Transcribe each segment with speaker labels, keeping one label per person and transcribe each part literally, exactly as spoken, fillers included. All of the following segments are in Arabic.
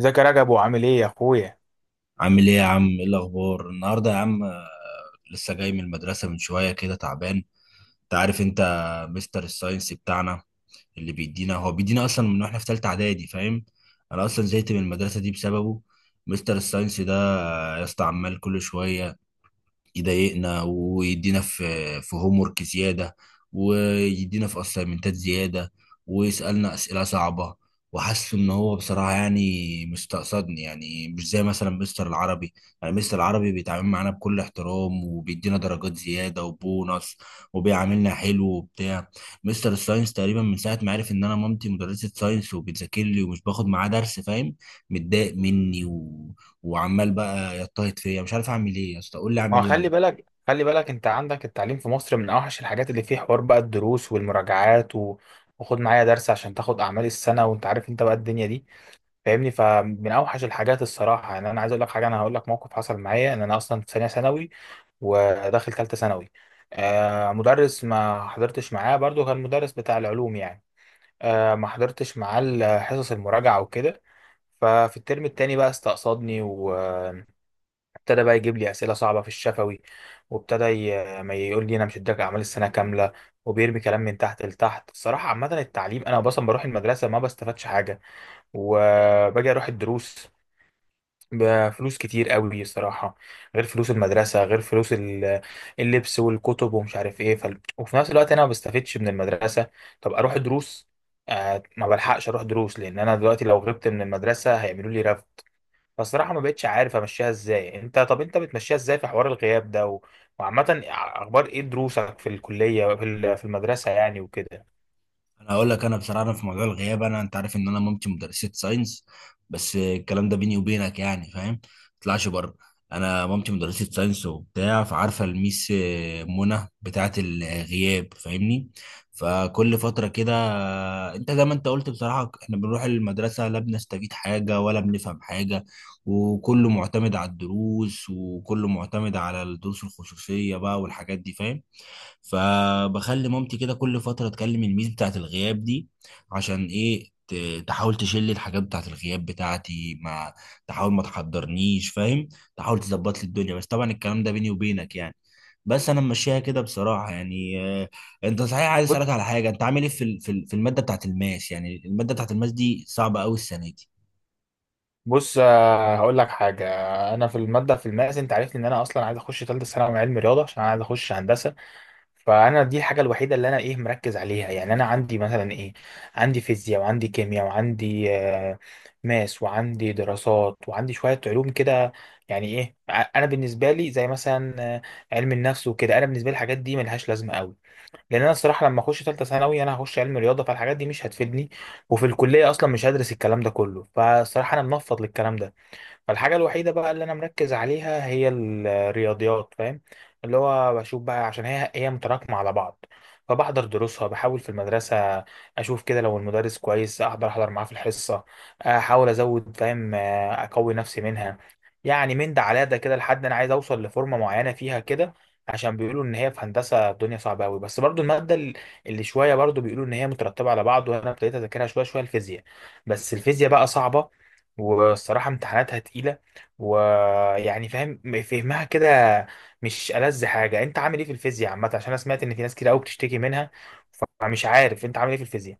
Speaker 1: ازيك يا رجب وعامل ايه يا اخويا؟
Speaker 2: عامل ايه يا عم؟ ايه الاخبار النهارده يا عم؟ آه، لسه جاي من المدرسه من شويه كده، تعبان. انت عارف، انت مستر الساينس بتاعنا اللي بيدينا، هو بيدينا اصلا من واحنا في ثالثه اعدادي، فاهم؟ انا اصلا زهقت من المدرسه دي بسببه. مستر الساينس ده، آه، يا اسطى، عمال كل شويه يضايقنا، ويدينا في في هوم ورك زياده، ويدينا في اسايمنتات زياده، ويسالنا اسئله صعبه. وحاسس ان هو بصراحه يعني مستقصدني، يعني مش زي مثلا مستر العربي. يعني مستر العربي بيتعامل معانا بكل احترام وبيدينا درجات زياده وبونص، وبيعاملنا حلو وبتاع. مستر الساينس تقريبا من ساعه ما عرف ان انا مامتي مدرسه ساينس وبتذاكر لي ومش باخد معاه درس، فاهم؟ متضايق مني و... وعمال بقى يضطهد فيا. مش عارف اعمل ايه يا اسطى، قول لي
Speaker 1: ما
Speaker 2: اعمل
Speaker 1: هو
Speaker 2: ايه
Speaker 1: خلي
Speaker 2: والنبي.
Speaker 1: بالك خلي بالك، انت عندك التعليم في مصر من اوحش الحاجات اللي فيه حوار، بقى الدروس والمراجعات و... وخد معايا درس عشان تاخد اعمال السنه، وانت عارف انت بقى الدنيا دي، فاهمني؟ فمن اوحش الحاجات الصراحه، يعني انا عايز اقول لك حاجه، انا هقول لك موقف حصل معايا، ان انا اصلا في ثانيه ثانوي وداخل ثالثه ثانوي. آه، مدرس ما حضرتش معاه برضو، كان مدرس بتاع العلوم يعني. آه، ما حضرتش معاه ال- حصص المراجعه وكده. ففي الترم التاني بقى استقصدني، و ابتدى بقى يجيب لي اسئله صعبه في الشفوي، وابتدى ي- ما يقول لي انا مش هديك اعمال السنه كامله، وبيرمي كلام من تحت لتحت الصراحه. عامه التعليم، انا اصلا بروح المدرسه ما بستفادش حاجه، وباجي اروح الدروس بفلوس كتير قوي الصراحه، غير فلوس المدرسه، غير فلوس ال- اللبس والكتب ومش عارف ايه، ف... وفي نفس الوقت انا ما بستفدش من المدرسه. طب اروح دروس، آه ما بلحقش اروح دروس، لان انا دلوقتي لو غبت من المدرسه هيعملوا لي. فالصراحة ما بقتش عارف امشيها ازاي. انت طب انت بتمشيها ازاي في حوار الغياب ده و... وعامة اخبار ايه دروسك في الكلية، في ال- في المدرسة يعني وكده؟
Speaker 2: انا هقول لك، انا بصراحه، أنا في موضوع الغياب، انا انت عارف ان انا مامتي مدرسه ساينس. بس الكلام ده بيني وبينك يعني، فاهم؟ ما تطلعش بره. انا مامتي مدرسه ساينس وبتاع، فعارفه الميس آه، منى بتاعه الغياب، فاهمني؟ فكل فتره كده، آه، انت زي ما انت قلت بصراحه، احنا بنروح المدرسه لا بنستفيد حاجه ولا بنفهم حاجه، وكله معتمد على الدروس، وكله معتمد على الدروس الخصوصيه بقى والحاجات دي، فاهم؟ فبخلي مامتي كده كل فترة تكلم الميس بتاعت الغياب دي، عشان ايه؟ ت- تحاول تشيل الحاجات بتاعت الغياب بتاعتي، ما تحاول ما تحضرنيش، فاهم؟ تحاول تظبط لي الدنيا. بس طبعا الكلام ده بيني وبينك يعني. بس انا ماشيها كده بصراحة يعني. آه، انت صحيح، عايز اسالك
Speaker 1: بص
Speaker 2: على حاجة. انت عامل ايه في ال- في ال- في المادة بتاعت الماس؟ يعني المادة بتاعت الماس دي صعبة قوي السنة دي.
Speaker 1: بص، آه، هقول لك حاجة. انا في المادة، في الماس، انت عارفني ان انا اصلا عايز اخش ثالثة ثانوي علم رياضة، عشان انا عايز اخش هندسة. فانا دي الحاجه الوحيده اللي انا، ايه، مركز عليها. يعني انا عندي مثلا ايه؟ عندي فيزياء، وعندي كيمياء، وعندي آه، ماس، وعندي دراسات، وعندي شويه علوم كده. يعني ايه ع- انا بالنسبه لي زي مثلا آه، علم النفس وكده، انا بالنسبه لي الحاجات دي ملهاش لازمه قوي. لان انا الصراحه لما اخش ثالثه ثانوي انا هخش علم رياضه، فالحاجات دي مش هتفيدني، وفي الكليه اصلا مش هدرس الكلام ده كله، فالصراحه انا منفض للكلام ده. فالحاجة الوحيدة بقى اللي أنا مركز عليها هي الرياضيات، فاهم؟ اللي هو بشوف بقى عشان هي هي متراكمة على بعض. فبحضر دروسها، بحاول في المدرسة أشوف كده لو المدرس كويس أحضر أحضر معاه في الحصة، أحاول أزود، فاهم، آه، أقوي نفسي منها. يعني من ده على ده كده لحد أنا عايز أوصل لفورمة معينة فيها كده، عشان بيقولوا إن هي في هندسة الدنيا صعبة أوي. بس برضو المادة ال- اللي شوية، برضو بيقولوا إن هي مترتبة على بعض، وأنا ابتديت أذاكرها شوية شوية الفيزياء. بس الفيزياء بقى صعبة، والصراحة امتحاناتها تقيلة، ويعني، فاهم، فهمها كده مش ألذ حاجة. انت عامل ايه في الفيزياء عامة؟ عشان انا سمعت ان في ناس كتير قوي بتشتكي منها، فمش عارف انت عامل ايه في الفيزياء.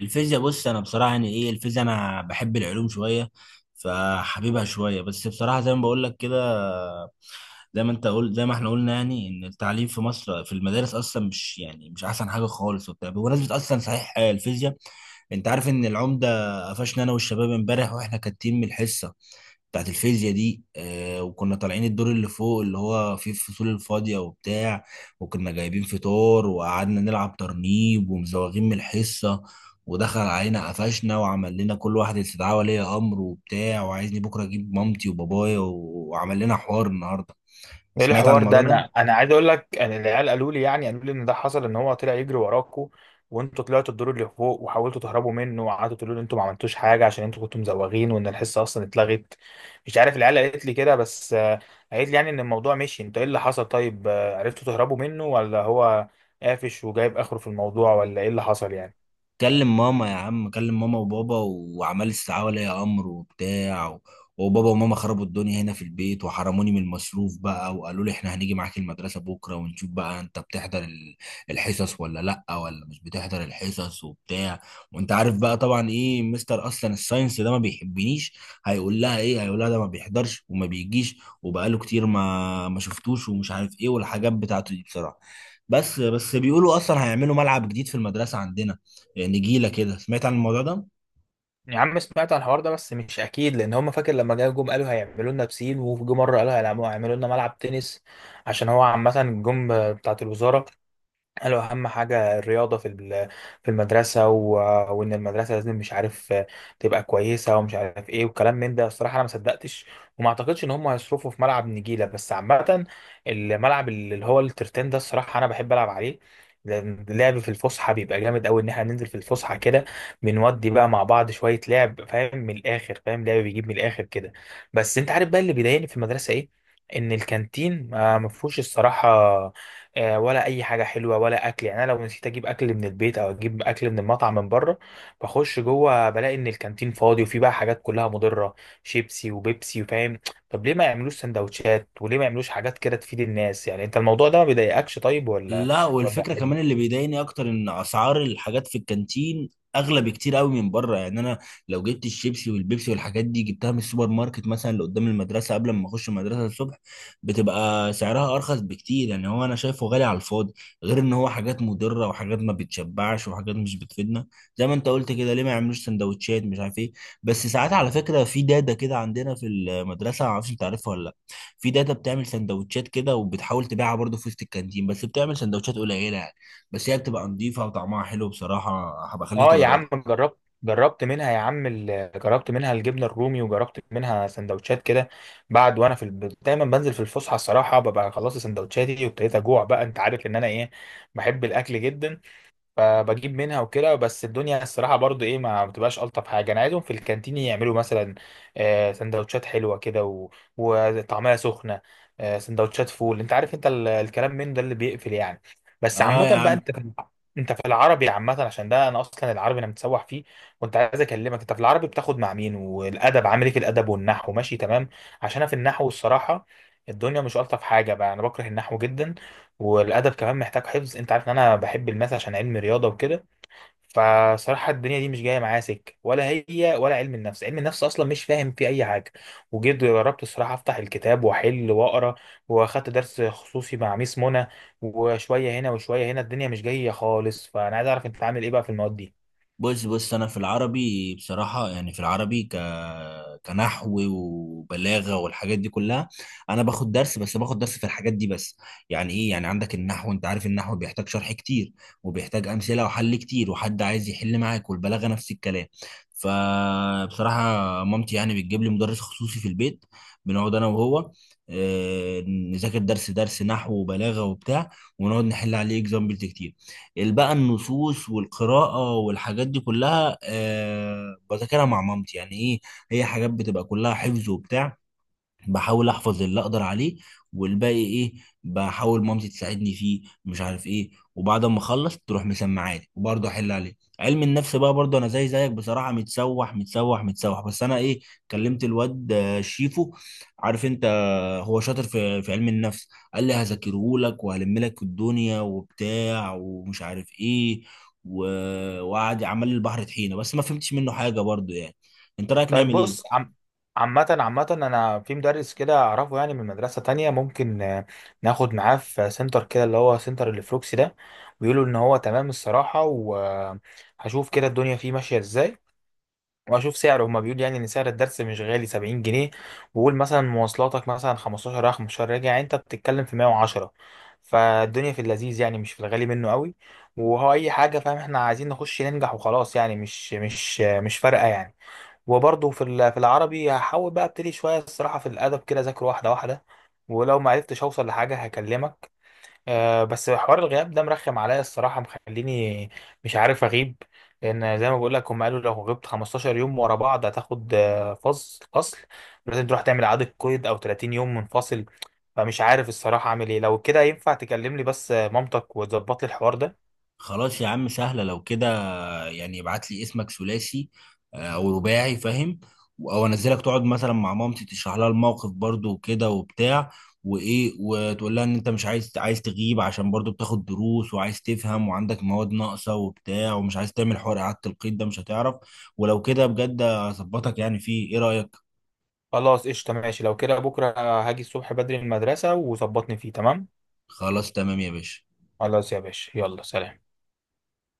Speaker 2: الفيزياء، بص انا بصراحة يعني ايه الفيزياء، انا بحب العلوم شوية فحبيبها شوية. بس بصراحة زي ما بقول لك كده، زي ما انت قلت، زي ما احنا قلنا يعني، ان التعليم في مصر في المدارس اصلا مش يعني مش احسن حاجه خالص وبتاع. بمناسبه اصلا، صحيح، آه، الفيزياء، انت عارف ان العمده قفشنا انا والشباب امبارح واحنا كاتين من الحصه بتاعت الفيزياء دي؟ آه. وكنا طالعين الدور اللي فوق اللي هو فيه الفصول الفاضيه وبتاع، وكنا جايبين فطار وقعدنا نلعب ترنيب ومزوغين من الحصه. ودخل علينا، قفشنا وعمل لنا كل واحد استدعاء ولي امر وبتاع، وعايزني بكره اجيب مامتي وبابايا، و- وعمل لنا حوار النهارده.
Speaker 1: ايه
Speaker 2: سمعت عن
Speaker 1: الحوار ده؟
Speaker 2: الموضوع ده؟
Speaker 1: انا انا عايز اقول لك ان العيال قالوا لي، يعني قالوا لي ان ده حصل، ان هو طلع يجري وراكوا، وانتوا طلعتوا الدور اللي فوق وحاولتوا تهربوا منه، وقعدتوا تقولوا ان انتوا ما عملتوش حاجه، عشان انتوا كنتوا مزوغين، وان الحصه اصلا اتلغت. مش عارف، العيال قالت لي كده بس. آه، قالت لي يعني ان الموضوع مشي. انتوا ايه اللي حصل؟ طيب آه، عرفتوا تهربوا منه ولا هو قافش وجايب اخره في الموضوع، ولا ايه اللي حصل يعني؟
Speaker 2: كلم ماما يا عم، كلم ماما وبابا، وعمال استدعاء ولي امر وبتاع و... وبابا وماما خربوا الدنيا هنا في البيت، وحرموني من المصروف بقى، وقالوا لي احنا هنيجي معاك المدرسة بكرة ونشوف بقى انت بتحضر ال- الحصص ولا لا، ولا مش بتحضر الحصص وبتاع. وانت عارف بقى طبعا ايه، مستر اصلا الساينس ده ما بيحبنيش. هيقول لها ايه؟ هيقول لها ده ما بيحضرش وما بيجيش وبقاله كتير ما ما شفتوش، ومش عارف ايه والحاجات بتاعته دي بصراحة. بس بس بيقولوا اصلا هيعملوا ملعب جديد في المدرسة عندنا، نجيله كده، سمعت عن الموضوع ده؟
Speaker 1: يا عم، سمعت عن الحوار ده بس مش اكيد. لان هم، فاكر لما جا جم قالوا هيعملوا لنا بسين، وجم مره قالوا هيعملوا هيعملوا لنا ملعب تنس، عشان هو عامه جم بتاعه الوزاره قال له اهم حاجه الرياضه في ال- في المدرسه، و... وان المدرسه لازم، مش عارف، تبقى كويسه، ومش عارف ايه وكلام من ده. الصراحه انا ما صدقتش، وما اعتقدش ان هم هيصرفوا في ملعب نجيله. بس عامه، الملعب اللي هو الترتان ده، الصراحه انا بحب العب عليه، لأن اللعب في الفسحه بيبقى جامد قوي. ان احنا ننزل في الفسحه كده بنودي بقى مع بعض شويه لعب، فاهم، من الاخر، فاهم، لعب بيجيب من الاخر كده. بس انت عارف بقى اللي بيضايقني في المدرسه ايه؟ ان الكانتين آه، ما فيهوش الصراحه آه، ولا اي حاجه حلوه ولا اكل. يعني انا لو نسيت اجيب اكل من البيت او اجيب اكل من المطعم من بره، بخش جوه بلاقي ان الكانتين فاضي، وفي بقى حاجات كلها مضره، شيبسي وبيبسي وفاهم. طب ليه ما يعملوش سندوتشات؟ وليه ما يعملوش حاجات كده تفيد الناس يعني؟ انت الموضوع ده ما بيضايقكش طيب، ولا
Speaker 2: لا.
Speaker 1: ولا
Speaker 2: والفكره
Speaker 1: عادي؟
Speaker 2: كمان اللي بيضايقني اكتر، ان اسعار الحاجات في الكانتين اغلى بكتير قوي من بره. يعني انا لو جبت الشيبسي والبيبسي والحاجات دي جبتها من السوبر ماركت مثلا اللي قدام المدرسه، قبل ما اخش المدرسه الصبح، بتبقى سعرها ارخص بكتير. يعني هو انا شايفه غالي على الفاضي. غير ان هو حاجات مضره وحاجات ما بتشبعش وحاجات مش بتفيدنا. زي ما انت قلت كده، ليه ما يعملوش سندوتشات مش عارف ايه؟ بس ساعات على فكره في داده كده عندنا في المدرسه، معرفش انت عارفها ولا لا، في داتا بتعمل سندوتشات كده وبتحاول تبيعها برضه في وسط الكانتين، بس بتعمل سندوتشات قليله يعني. بس هي بتبقى نظيفه وطعمها حلو بصراحه، هبقى اخليك
Speaker 1: اه يا عم،
Speaker 2: تجربها.
Speaker 1: جربت جربت منها يا عم، ال- جربت منها الجبنه الرومي، وجربت منها سندوتشات كده. بعد وانا في الب... دايما بنزل في الفسحه الصراحه، ببقى خلصت سندوتشاتي وابتديت اجوع بقى. انت عارف ان انا، ايه، بحب الاكل جدا، فبجيب منها وكده. بس الدنيا الصراحة برضو ايه ما بتبقاش ألطف حاجة. أنا عايزهم في الكانتين يعملوا مثلا آه، سندوتشات حلوة كده و- وطعمها سخنة، آه، سندوتشات فول، انت عارف انت ال- الكلام من ده اللي بيقفل يعني. بس
Speaker 2: اه
Speaker 1: عامة
Speaker 2: يا
Speaker 1: بقى،
Speaker 2: عم.
Speaker 1: انت في، انت في العربي عامة، عشان ده انا اصلا العربي انا متسوح فيه. وانت عايز اكلمك، انت في العربي بتاخد مع مين؟ والادب عامل ايه؟ في الادب والنحو ماشي تمام؟ عشان انا في النحو الصراحة الدنيا مش ألطف حاجة بقى، انا بكره النحو جدا، والادب كمان محتاج حفظ. انت عارف ان انا بحب الماث عشان علم رياضه وكده، فصراحه الدنيا دي مش جايه معايا سكه، ولا هي، ولا علم النفس. علم النفس اصلا مش فاهم فيه اي حاجه، وجيت جربت الصراحه افتح الكتاب واحل واقرا، واخدت درس خصوصي مع ميس منى، وشويه هنا وشويه هنا الدنيا مش جايه خالص. فانا عايز اعرف انت عامل ايه بقى في المواد دي.
Speaker 2: بص بص، انا في العربي بصراحه يعني، في العربي ك كنحو وبلاغه والحاجات دي كلها، انا باخد درس. بس باخد درس في الحاجات دي بس. يعني ايه؟ يعني عندك النحو، انت عارف النحو بيحتاج شرح كتير، وبيحتاج امثله وحل كتير وحد عايز يحل معاك. والبلاغه نفس الكلام. فبصراحه مامتي يعني بتجيب لي مدرس خصوصي في البيت، بنقعد انا وهو، آه، نذاكر درس درس نحو وبلاغه وبتاع، ونقعد نحل عليه اكزامبلز كتير. بقى النصوص والقراءة والحاجات دي كلها، آه، بذاكرها مع مامتي. يعني ايه، هي حاجات بتبقى كلها حفظ وبتاع، بحاول احفظ اللي اقدر عليه، والباقي ايه، بحاول مامتي تساعدني فيه مش عارف ايه، وبعد ما اخلص تروح مسمعاني وبرضه احل عليه. علم النفس بقى، برضه انا زي زيك بصراحه، متسوح متسوح متسوح. بس انا ايه، كلمت الواد آه، شيفو، عارف انت، آه، هو شاطر في في علم النفس، قال لي هذاكره لك وهلم لك الدنيا وبتاع ومش عارف ايه، و... وقعد عمل لي البحر طحينه بس ما فهمتش منه حاجه برضه يعني. انت رايك
Speaker 1: طيب
Speaker 2: نعمل ايه؟
Speaker 1: بص عم. عامة عامة أنا في مدرس كده أعرفه، يعني من مدرسة تانية. ممكن آه، ناخد معاه في سنتر كده، اللي هو سنتر الفلوكسي ده. بيقولوا إن هو تمام الصراحة، وهشوف كده الدنيا فيه ماشية إزاي. وأشوف سعره، هما بيقولوا يعني إن سعر الدرس مش غالي، سبعين جنيه، وقول مثلا مواصلاتك مثلا خمستاشر رايح خمستاشر راجع، يعني أنت بتتكلم في مية وعشرة. فالدنيا في اللذيذ يعني، مش في الغالي منه قوي. وهو أي حاجة، فاهم، إحنا عايزين نخش ننجح وخلاص يعني. مش مش مش فارقة يعني. وبرضه في ال- في العربي هحاول بقى ابتدي شويه الصراحه في الادب كده، اذاكر واحده واحده، ولو ما عرفتش اوصل لحاجه هكلمك. أه، بس حوار الغياب ده مرخم عليا الصراحه، مخليني مش عارف اغيب. لان زي ما بقول لك، هم قالوا لو غبت 15 يوم ورا بعض هتاخد آه، فصل فصل، لازم تروح تعمل اعاده قيد، او 30 يوم منفصل. فمش عارف الصراحه اعمل ايه. لو كده ينفع تكلمني بس آه، مامتك وتظبط لي الحوار ده.
Speaker 2: خلاص يا عم، سهله لو كده. يعني ابعت لي اسمك ثلاثي آه، او رباعي، فاهم؟ او انزلك تقعد مثلا مع مامتي، تشرح لها الموقف برضو وكده وبتاع، وايه، وتقول لها ان انت مش عايز عايز تغيب، عشان برضو بتاخد دروس وعايز تفهم وعندك مواد ناقصه وبتاع، ومش عايز تعمل حوار اعاده القيد ده، مش هتعرف. ولو كده، بجد اظبطك يعني. فيه ايه رايك؟
Speaker 1: خلاص قشطه، ماشي لو كده. بكره هاجي الصبح بدري من المدرسه وظبطني فيه تمام.
Speaker 2: خلاص تمام يا باشا.
Speaker 1: خلاص يا باشا، يلا سلام.